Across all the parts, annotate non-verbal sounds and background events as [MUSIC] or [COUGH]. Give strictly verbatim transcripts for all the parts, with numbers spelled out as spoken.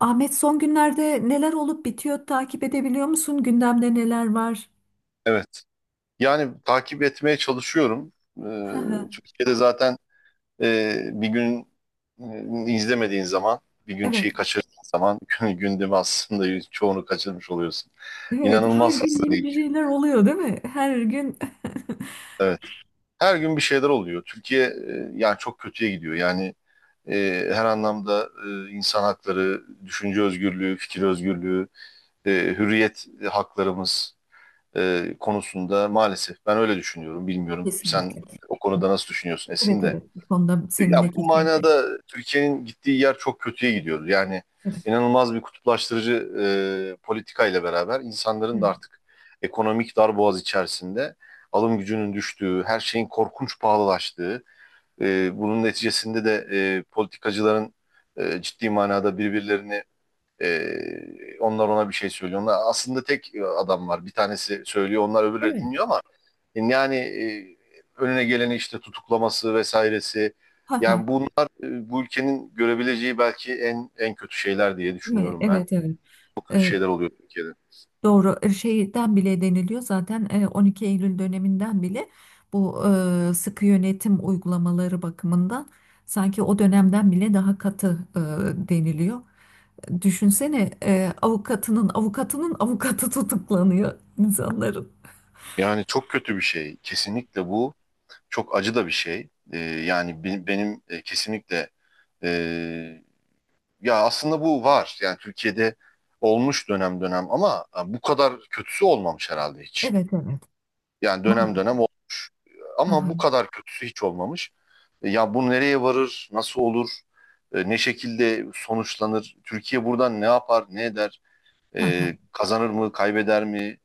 Ahmet, son günlerde neler olup bitiyor, takip edebiliyor musun? Gündemde neler var? Evet. Yani takip etmeye çalışıyorum. Hı Ee, hı. Türkiye'de zaten e, bir gün e, izlemediğin zaman, bir gün şeyi Evet, kaçırdığın zaman [LAUGHS] gündemi aslında çoğunu kaçırmış oluyorsun. evet. Her İnanılmaz gün hızlı yeni değil. bir şeyler oluyor, değil mi? Her gün. Evet. Her gün bir şeyler oluyor. Türkiye e, yani çok kötüye gidiyor. Yani e, her anlamda e, insan hakları, düşünce özgürlüğü, fikir özgürlüğü, e, hürriyet haklarımız e, konusunda maalesef ben öyle düşünüyorum. [LAUGHS] Bilmiyorum sen Kesinlikle. o konuda nasıl düşünüyorsun Esin Evet, de. evet. Bu konuda Ya seninle bu kesinlikle. manada Türkiye'nin gittiği yer çok kötüye gidiyor. Yani Evet, inanılmaz bir kutuplaştırıcı e, politika ile beraber insanların da evet. artık ekonomik darboğaz içerisinde alım gücünün düştüğü, her şeyin korkunç pahalılaştığı, e, bunun neticesinde de e, politikacıların e, ciddi manada birbirlerini ee, onlar ona bir şey söylüyor. Onlar, aslında tek e, adam var. Bir tanesi söylüyor, onlar öbürleri Evet. dinliyor ama yani e, önüne geleni işte tutuklaması vesairesi. Hı hı. Yani bunlar e, bu ülkenin görebileceği belki en en kötü şeyler diye Ne- düşünüyorum ben. Evet, evet. Çok kötü Ee, şeyler oluyor Türkiye'de. doğru. E, Şeyden bile deniliyor zaten, e, on iki Eylül döneminden bile bu e, sıkı yönetim uygulamaları bakımından sanki o dönemden bile daha katı e, deniliyor. Düşünsene, e, avukatının avukatının avukatı tutuklanıyor insanların. Yani çok kötü bir şey. Kesinlikle bu çok acı da bir şey. Ee, yani be- benim e, kesinlikle e, ya aslında bu var. Yani Türkiye'de olmuş dönem dönem ama e, bu kadar kötüsü olmamış herhalde hiç. Evet, evet. Yani dönem dönem Maalesef. olmuş Hı ama hı, bu kadar kötüsü hiç olmamış. E, Ya bu nereye varır, nasıl olur, e, ne şekilde sonuçlanır, Türkiye buradan ne yapar, ne eder, hı hı. e, kazanır mı, kaybeder mi?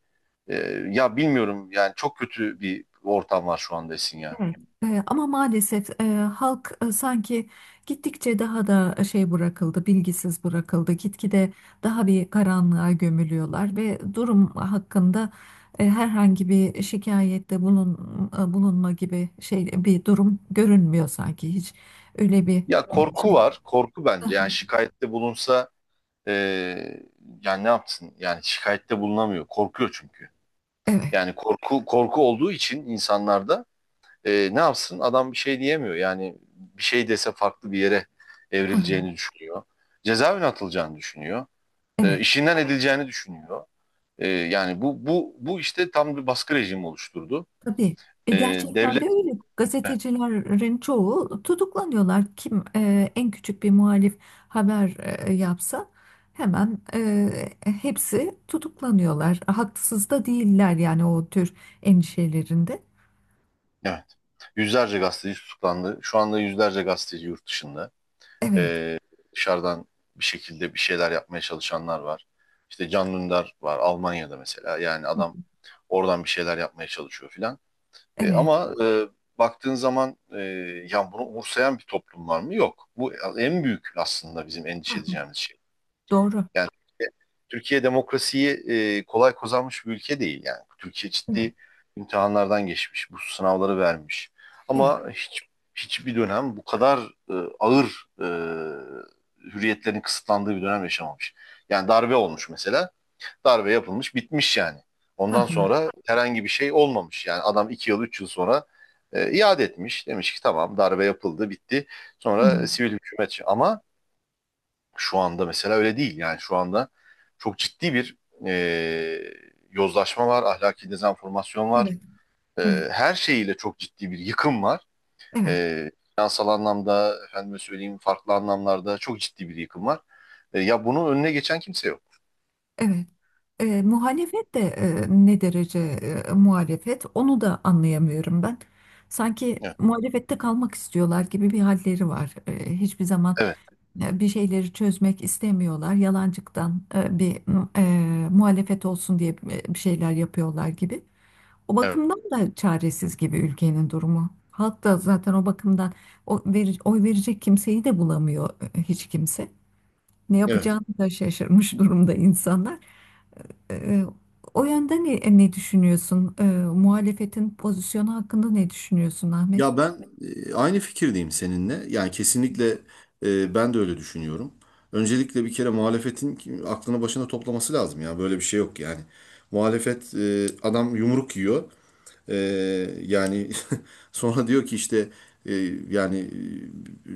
E, Ya bilmiyorum yani çok kötü bir ortam var şu anda Esin ya. Evet. E, ama maalesef e, halk e, sanki gittikçe daha da e, şey bırakıldı, bilgisiz bırakıldı. Gitgide daha bir karanlığa gömülüyorlar ve durum hakkında e, herhangi bir şikayette bulun, e, bulunma gibi şey bir durum görünmüyor, sanki hiç öyle bir Ya korku şey. var, korku bence yani şikayette bulunsa e, yani ne yapsın? Yani şikayette bulunamıyor. Korkuyor çünkü. Evet. Yani korku korku olduğu için insanlarda e, ne yapsın? Adam bir şey diyemiyor. Yani bir şey dese farklı bir yere Hı hı, evrileceğini düşünüyor. Cezaevine atılacağını düşünüyor. E, evet. işinden edileceğini düşünüyor. E, yani bu bu bu işte tam bir baskı rejimi oluşturdu. Tabii. E, E, gerçekten devlet de öyle. Evet, Gazetecilerin çoğu tutuklanıyorlar. Kim e, en küçük bir muhalif haber e, yapsa hemen e, hepsi tutuklanıyorlar. Haksız da değiller yani o tür endişelerinde. evet. Yüzlerce gazeteci tutuklandı. Şu anda yüzlerce gazeteci yurt dışında. Evet, Dışarıdan bir şekilde bir şeyler yapmaya çalışanlar var. İşte Can Dündar var Almanya'da mesela. Yani adam oradan bir şeyler yapmaya çalışıyor filan. E, evet. ama e, baktığın zaman e, ya bunu umursayan bir toplum var mı? Yok. Bu en büyük aslında bizim Hı endişe hı, edeceğimiz şey. doğru. Yani Türkiye Türkiye demokrasiyi e, kolay kazanmış bir ülke değil yani. Türkiye Evet, ciddi imtihanlardan geçmiş, bu sınavları vermiş. evet. Ama hiç hiçbir dönem bu kadar e, ağır e, hürriyetlerin kısıtlandığı bir dönem yaşamamış. Yani darbe olmuş mesela. Darbe yapılmış, bitmiş yani. Hı Ondan hı, sonra herhangi bir şey olmamış. Yani adam iki yıl, üç yıl sonra e, iade etmiş. Demiş ki tamam darbe yapıldı, bitti. hı hı. Sonra sivil hükümet. Ama şu anda mesela öyle değil. Yani şu anda çok ciddi bir e, yozlaşma var, ahlaki dezenformasyon var. Evet, E, evet, her şeyiyle çok ciddi bir yıkım var. evet, E, finansal anlamda, efendime söyleyeyim farklı anlamlarda çok ciddi bir yıkım var. E, ya bunun önüne geçen kimse yok. evet. E, muhalefet de e, ne derece, e, muhalefet onu da anlayamıyorum ben. Sanki Evet, muhalefette kalmak istiyorlar gibi bir halleri var. E, hiçbir zaman evet. e, bir şeyleri çözmek istemiyorlar. Yalancıktan e, bir, e, muhalefet olsun diye e, bir şeyler yapıyorlar gibi. O Evet. bakımdan da çaresiz gibi ülkenin durumu. Halk da zaten o bakımdan o veri- oy verecek kimseyi de bulamıyor, e, hiç kimse. Ne Evet. yapacağını da şaşırmış durumda insanlar. Ee, o yönden ne, ne düşünüyorsun? Ee, muhalefetin pozisyonu hakkında ne düşünüyorsun Ahmet? Ya ben e, aynı fikirdeyim seninle. Yani kesinlikle e, ben de öyle düşünüyorum. Öncelikle bir kere muhalefetin ki- aklını başına toplaması lazım ya. Böyle bir şey yok yani. Muhalefet e, adam yumruk yiyor. Ee, yani [LAUGHS] sonra diyor ki işte e, yani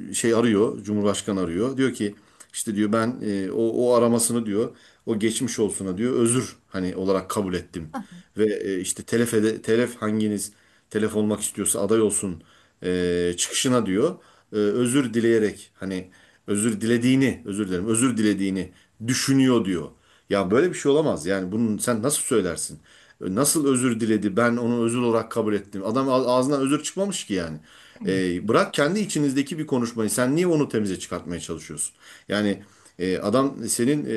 e, şey arıyor, Cumhurbaşkanı arıyor. Diyor ki işte diyor ben e, o, o aramasını diyor, o geçmiş olsuna diyor özür hani olarak kabul ettim. Ve e, işte telef, ede- telef hanginiz telef olmak istiyorsa aday olsun e, çıkışına diyor e, özür dileyerek hani özür dilediğini, özür dilerim, özür dilediğini düşünüyor diyor. Ya böyle bir şey olamaz. Yani bunu sen nasıl söylersin? Nasıl özür diledi? Ben onu özür olarak kabul ettim. Adam a- ağzından özür çıkmamış ki yani. Evet, E, bırak kendi içinizdeki bir konuşmayı. Sen niye onu temize çıkartmaya çalışıyorsun? Yani e, adam senin e,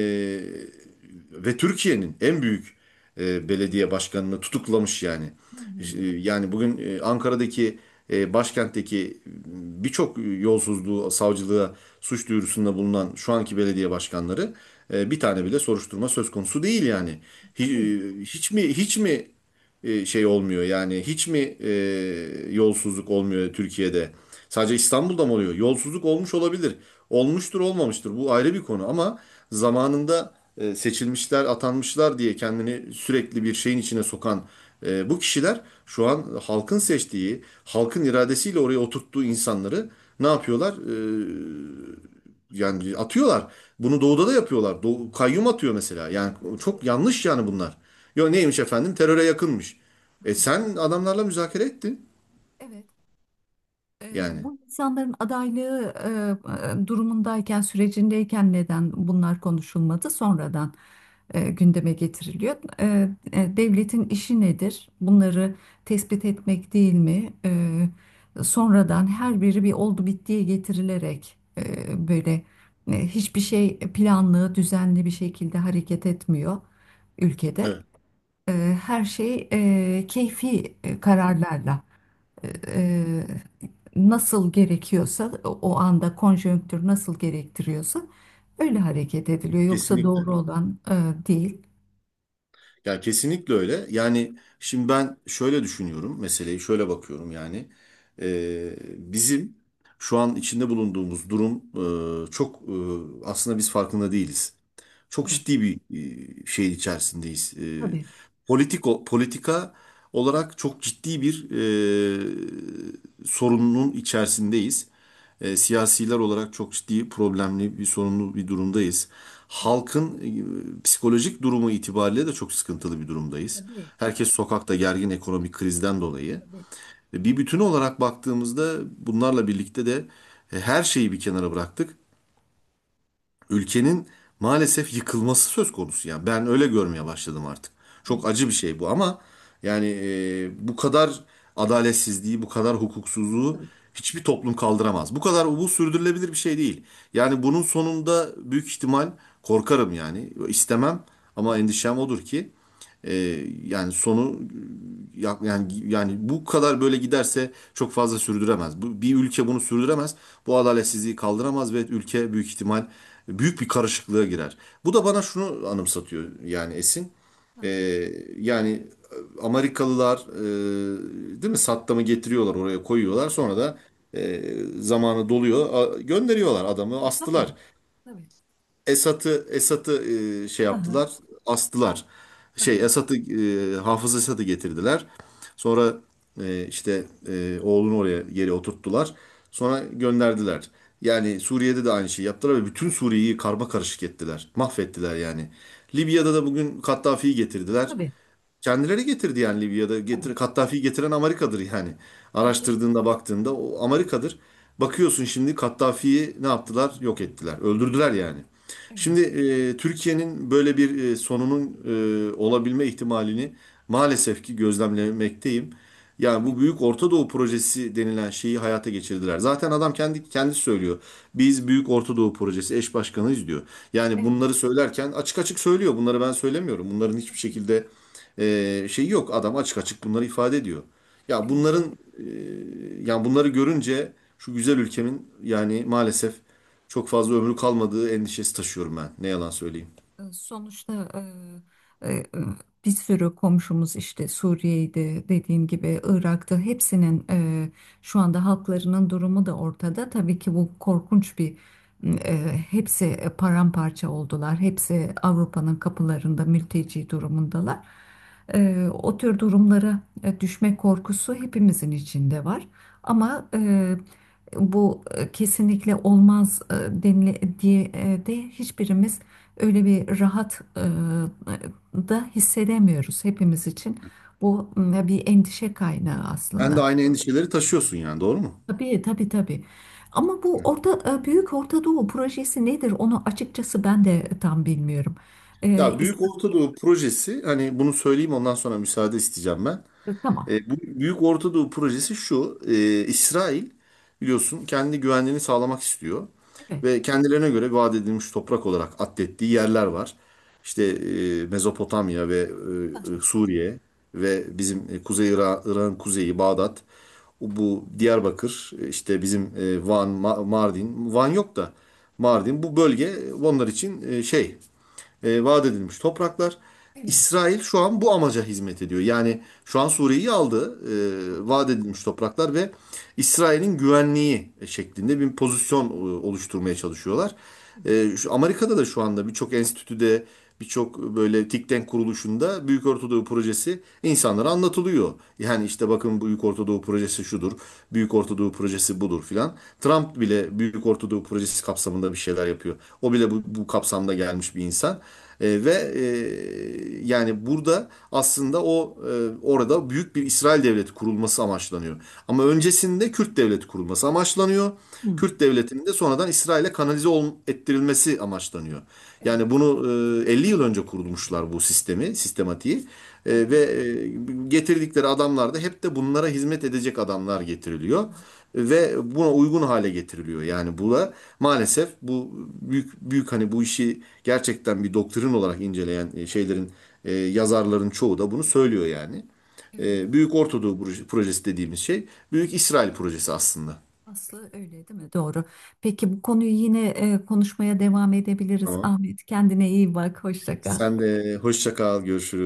ve Türkiye'nin en büyük e, belediye başkanını tutuklamış yani. hı E, hı. Yani bugün e, Ankara'daki e, başkentteki birçok yolsuzluğu savcılığa suç duyurusunda bulunan şu anki belediye başkanları e, bir tane bile soruşturma söz konusu değil yani Tabii. hi- e, hiç mi hiç mi e, şey olmuyor yani hiç mi e, yolsuzluk olmuyor Türkiye'de? Sadece İstanbul'da mı oluyor? Yolsuzluk olmuş olabilir. Olmuştur, olmamıştır. Bu ayrı bir konu ama zamanında e, seçilmişler, atanmışlar diye kendini sürekli bir şeyin içine sokan e, bu kişiler şu an halkın seçtiği, halkın iradesiyle oraya oturttuğu insanları ne yapıyorlar? E, yani atıyorlar. Bunu doğuda da yapıyorlar. Doğu, kayyum atıyor mesela. Yani Evet, evet. çok yanlış yani bunlar. Yo neymiş efendim? Teröre yakınmış. E Hı hı. sen adamlarla müzakere ettin. Evet. E, Yani. Bu insanların adaylığı e, e, durumundayken, sürecindeyken neden bunlar konuşulmadı? Sonradan e, gündeme getiriliyor. E, e, Devletin işi nedir? Bunları tespit etmek değil mi? E, Sonradan her biri bir oldu bittiye getirilerek, e, böyle e, hiçbir şey planlı, düzenli bir şekilde hareket etmiyor ülkede. Evet. E, Her şey e, keyfi e, kararlarla e, nasıl gerekiyorsa, o o anda konjonktür nasıl gerektiriyorsa öyle hareket ediliyor. Yoksa Kesinlikle. doğru olan e, değil. Ya kesinlikle öyle. Yani şimdi ben şöyle düşünüyorum. Meseleyi şöyle bakıyorum yani. Ee, bizim şu an içinde bulunduğumuz durum e, çok e, aslında biz farkında değiliz. Çok Evet, ciddi bir e, şeyin içerisindeyiz. E, tabii. politiko, politika olarak çok ciddi bir e, sorunun içerisindeyiz. E, siyasiler olarak çok ciddi problemli bir sorunlu bir durumdayız. Evet, Halkın e, psikolojik durumu itibariyle de çok sıkıntılı bir durumdayız. tabii, Herkes sokakta gergin ekonomik krizden dolayı. tabii, E, Bir bütün olarak baktığımızda bunlarla birlikte de e, her şeyi bir kenara bıraktık ülkenin maalesef yıkılması söz konusu yani. Ben öyle görmeye başladım artık. Çok evet, acı bir şey bu ama yani e, bu kadar adaletsizliği, bu kadar hukuksuzluğu hiçbir toplum kaldıramaz. Bu kadar bu sürdürülebilir bir şey değil. Yani bunun sonunda büyük ihtimal korkarım yani istemem ama endişem odur ki e, yani sonu ya- Yani yani bu kadar böyle giderse çok fazla sürdüremez. Bu, bir ülke bunu sürdüremez. Bu adaletsizliği kaldıramaz ve ülke büyük ihtimal büyük bir karışıklığa girer. Bu da bana şunu anımsatıyor yani Esin. Ee, yani Amerikalılar e, değil mi Saddam'ı getiriyorlar oraya koyuyorlar sonra da e, zamanı doluyor a- gönderiyorlar adamı astılar. tabii, Esat'ı Esat'ı e, şey ha, ha, yaptılar, astılar. Şey tabii, Esat'ı e, Hafız Esat'ı getirdiler. Sonra e, işte e, oğlunu oraya geri oturttular. Sonra gönderdiler. Yani Suriye'de de aynı şeyi yaptılar ve bütün Suriye'yi karma karışık ettiler. Mahvettiler yani. Libya'da da bugün Kaddafi'yi getirdiler. tabii, Kendileri getirdi yani ha, ha, ha, ha, Libya'da. tabii, Getir, tabii, Kaddafi'yi getiren Amerika'dır yani. ha, ha, Araştırdığında baktığında o Amerika'dır. Bakıyorsun şimdi Kaddafi'yi ne yaptılar? Yok ettiler. Öldürdüler yani. evet, Şimdi e, Türkiye'nin böyle bir e, sonunun e, olabilme ihtimalini maalesef ki gözlemlemekteyim. Yani evet, bu Büyük Orta Doğu projesi denilen şeyi hayata geçirdiler. Zaten adam kendi kendisi söylüyor. Biz Büyük Orta Doğu projesi eş başkanıyız diyor. Yani evet, bunları söylerken açık açık söylüyor. Bunları ben söylemiyorum. Bunların hiçbir şekilde ee, şey yok adam açık açık bunları ifade ediyor. Ya evet. bunların yani bunları görünce şu güzel ülkemin yani maalesef çok fazla ömrü kalmadığı endişesi taşıyorum ben. Ne yalan söyleyeyim. Sonuçta e, e, bir sürü komşumuz işte Suriye'de dediğim gibi Irak'ta, hepsinin e, şu anda halklarının durumu da ortada. Tabii ki bu korkunç bir, e, hepsi paramparça oldular. Hepsi Avrupa'nın kapılarında mülteci durumundalar. E, o tür durumlara e, düşme korkusu hepimizin içinde var. Ama e, bu e, kesinlikle olmaz e, denile diye e, de hiçbirimiz öyle bir rahat e, da hissedemiyoruz hepimiz için. Bu m, bir endişe kaynağı Sen de aslında. aynı endişeleri taşıyorsun yani doğru mu? Tabii, tabii, tabii. Ama bu Evet. orta, e, Büyük Orta Doğu projesi nedir? Onu açıkçası ben de tam bilmiyorum. E, Ya Büyük Orta Doğu projesi hani bunu söyleyeyim ondan sonra müsaade isteyeceğim ben. İsm- tamam. E, bu Büyük Orta Doğu projesi şu. e, İsrail biliyorsun kendi güvenliğini sağlamak istiyor. Evet. Ve kendilerine göre vaat edilmiş toprak olarak addettiği yerler var. İşte e, Mezopotamya ve Ha, e, e, Suriye ve bizim e, Kuzey Irak, Irak'ın kuzeyi Bağdat. O- Bu Diyarbakır e, işte bizim e, Van, Ma- Mardin. Van yok da Mardin. Bu bölge onlar için e, şey e, vaat edilmiş topraklar. evet. İsrail şu an bu amaca hizmet ediyor. Yani şu an Suriye'yi aldı, e, vaat edilmiş topraklar ve İsrail'in güvenliği şeklinde bir pozisyon e, oluşturmaya çalışıyorlar. Evet. E, şu Amerika'da da şu anda birçok enstitüde, birçok böyle think tank kuruluşunda Büyük Ortadoğu Projesi insanlara anlatılıyor. Yani işte bakın Büyük Ortadoğu Projesi şudur, Büyük Ortadoğu Projesi budur filan. Trump bile Büyük Ortadoğu Projesi kapsamında bir şeyler yapıyor. O bile bu, bu kapsamda gelmiş bir insan. E, ve e, yani burada aslında o e, orada büyük bir İsrail devleti kurulması amaçlanıyor. Ama öncesinde Kürt devleti kurulması amaçlanıyor. Hı. Kürt devletinin de sonradan İsrail'e kanalize ol- ettirilmesi amaçlanıyor. Yani Evet. bunu e, elli yıl önce kurulmuşlar bu sistemi, sistematiği. E, Ha, ha, ve e, getirdikleri adamlar da hep de bunlara hizmet edecek adamlar ha, ha. getiriliyor ve buna uygun hale getiriliyor. Yani bu da maalesef bu büyük büyük hani bu işi gerçekten bir doktrin olarak inceleyen e, şeylerin e, yazarların çoğu da bunu söylüyor yani. Evet, E, Büyük Ortadoğu Proje- projesi dediğimiz şey Büyük İsrail projesi aslında. aslı öyle değil mi? Doğru. Peki bu konuyu yine e, konuşmaya devam edebiliriz Tamam. Ahmet. Kendine iyi bak. Hoşça kal. Sen de hoşça kal, görüşürüz.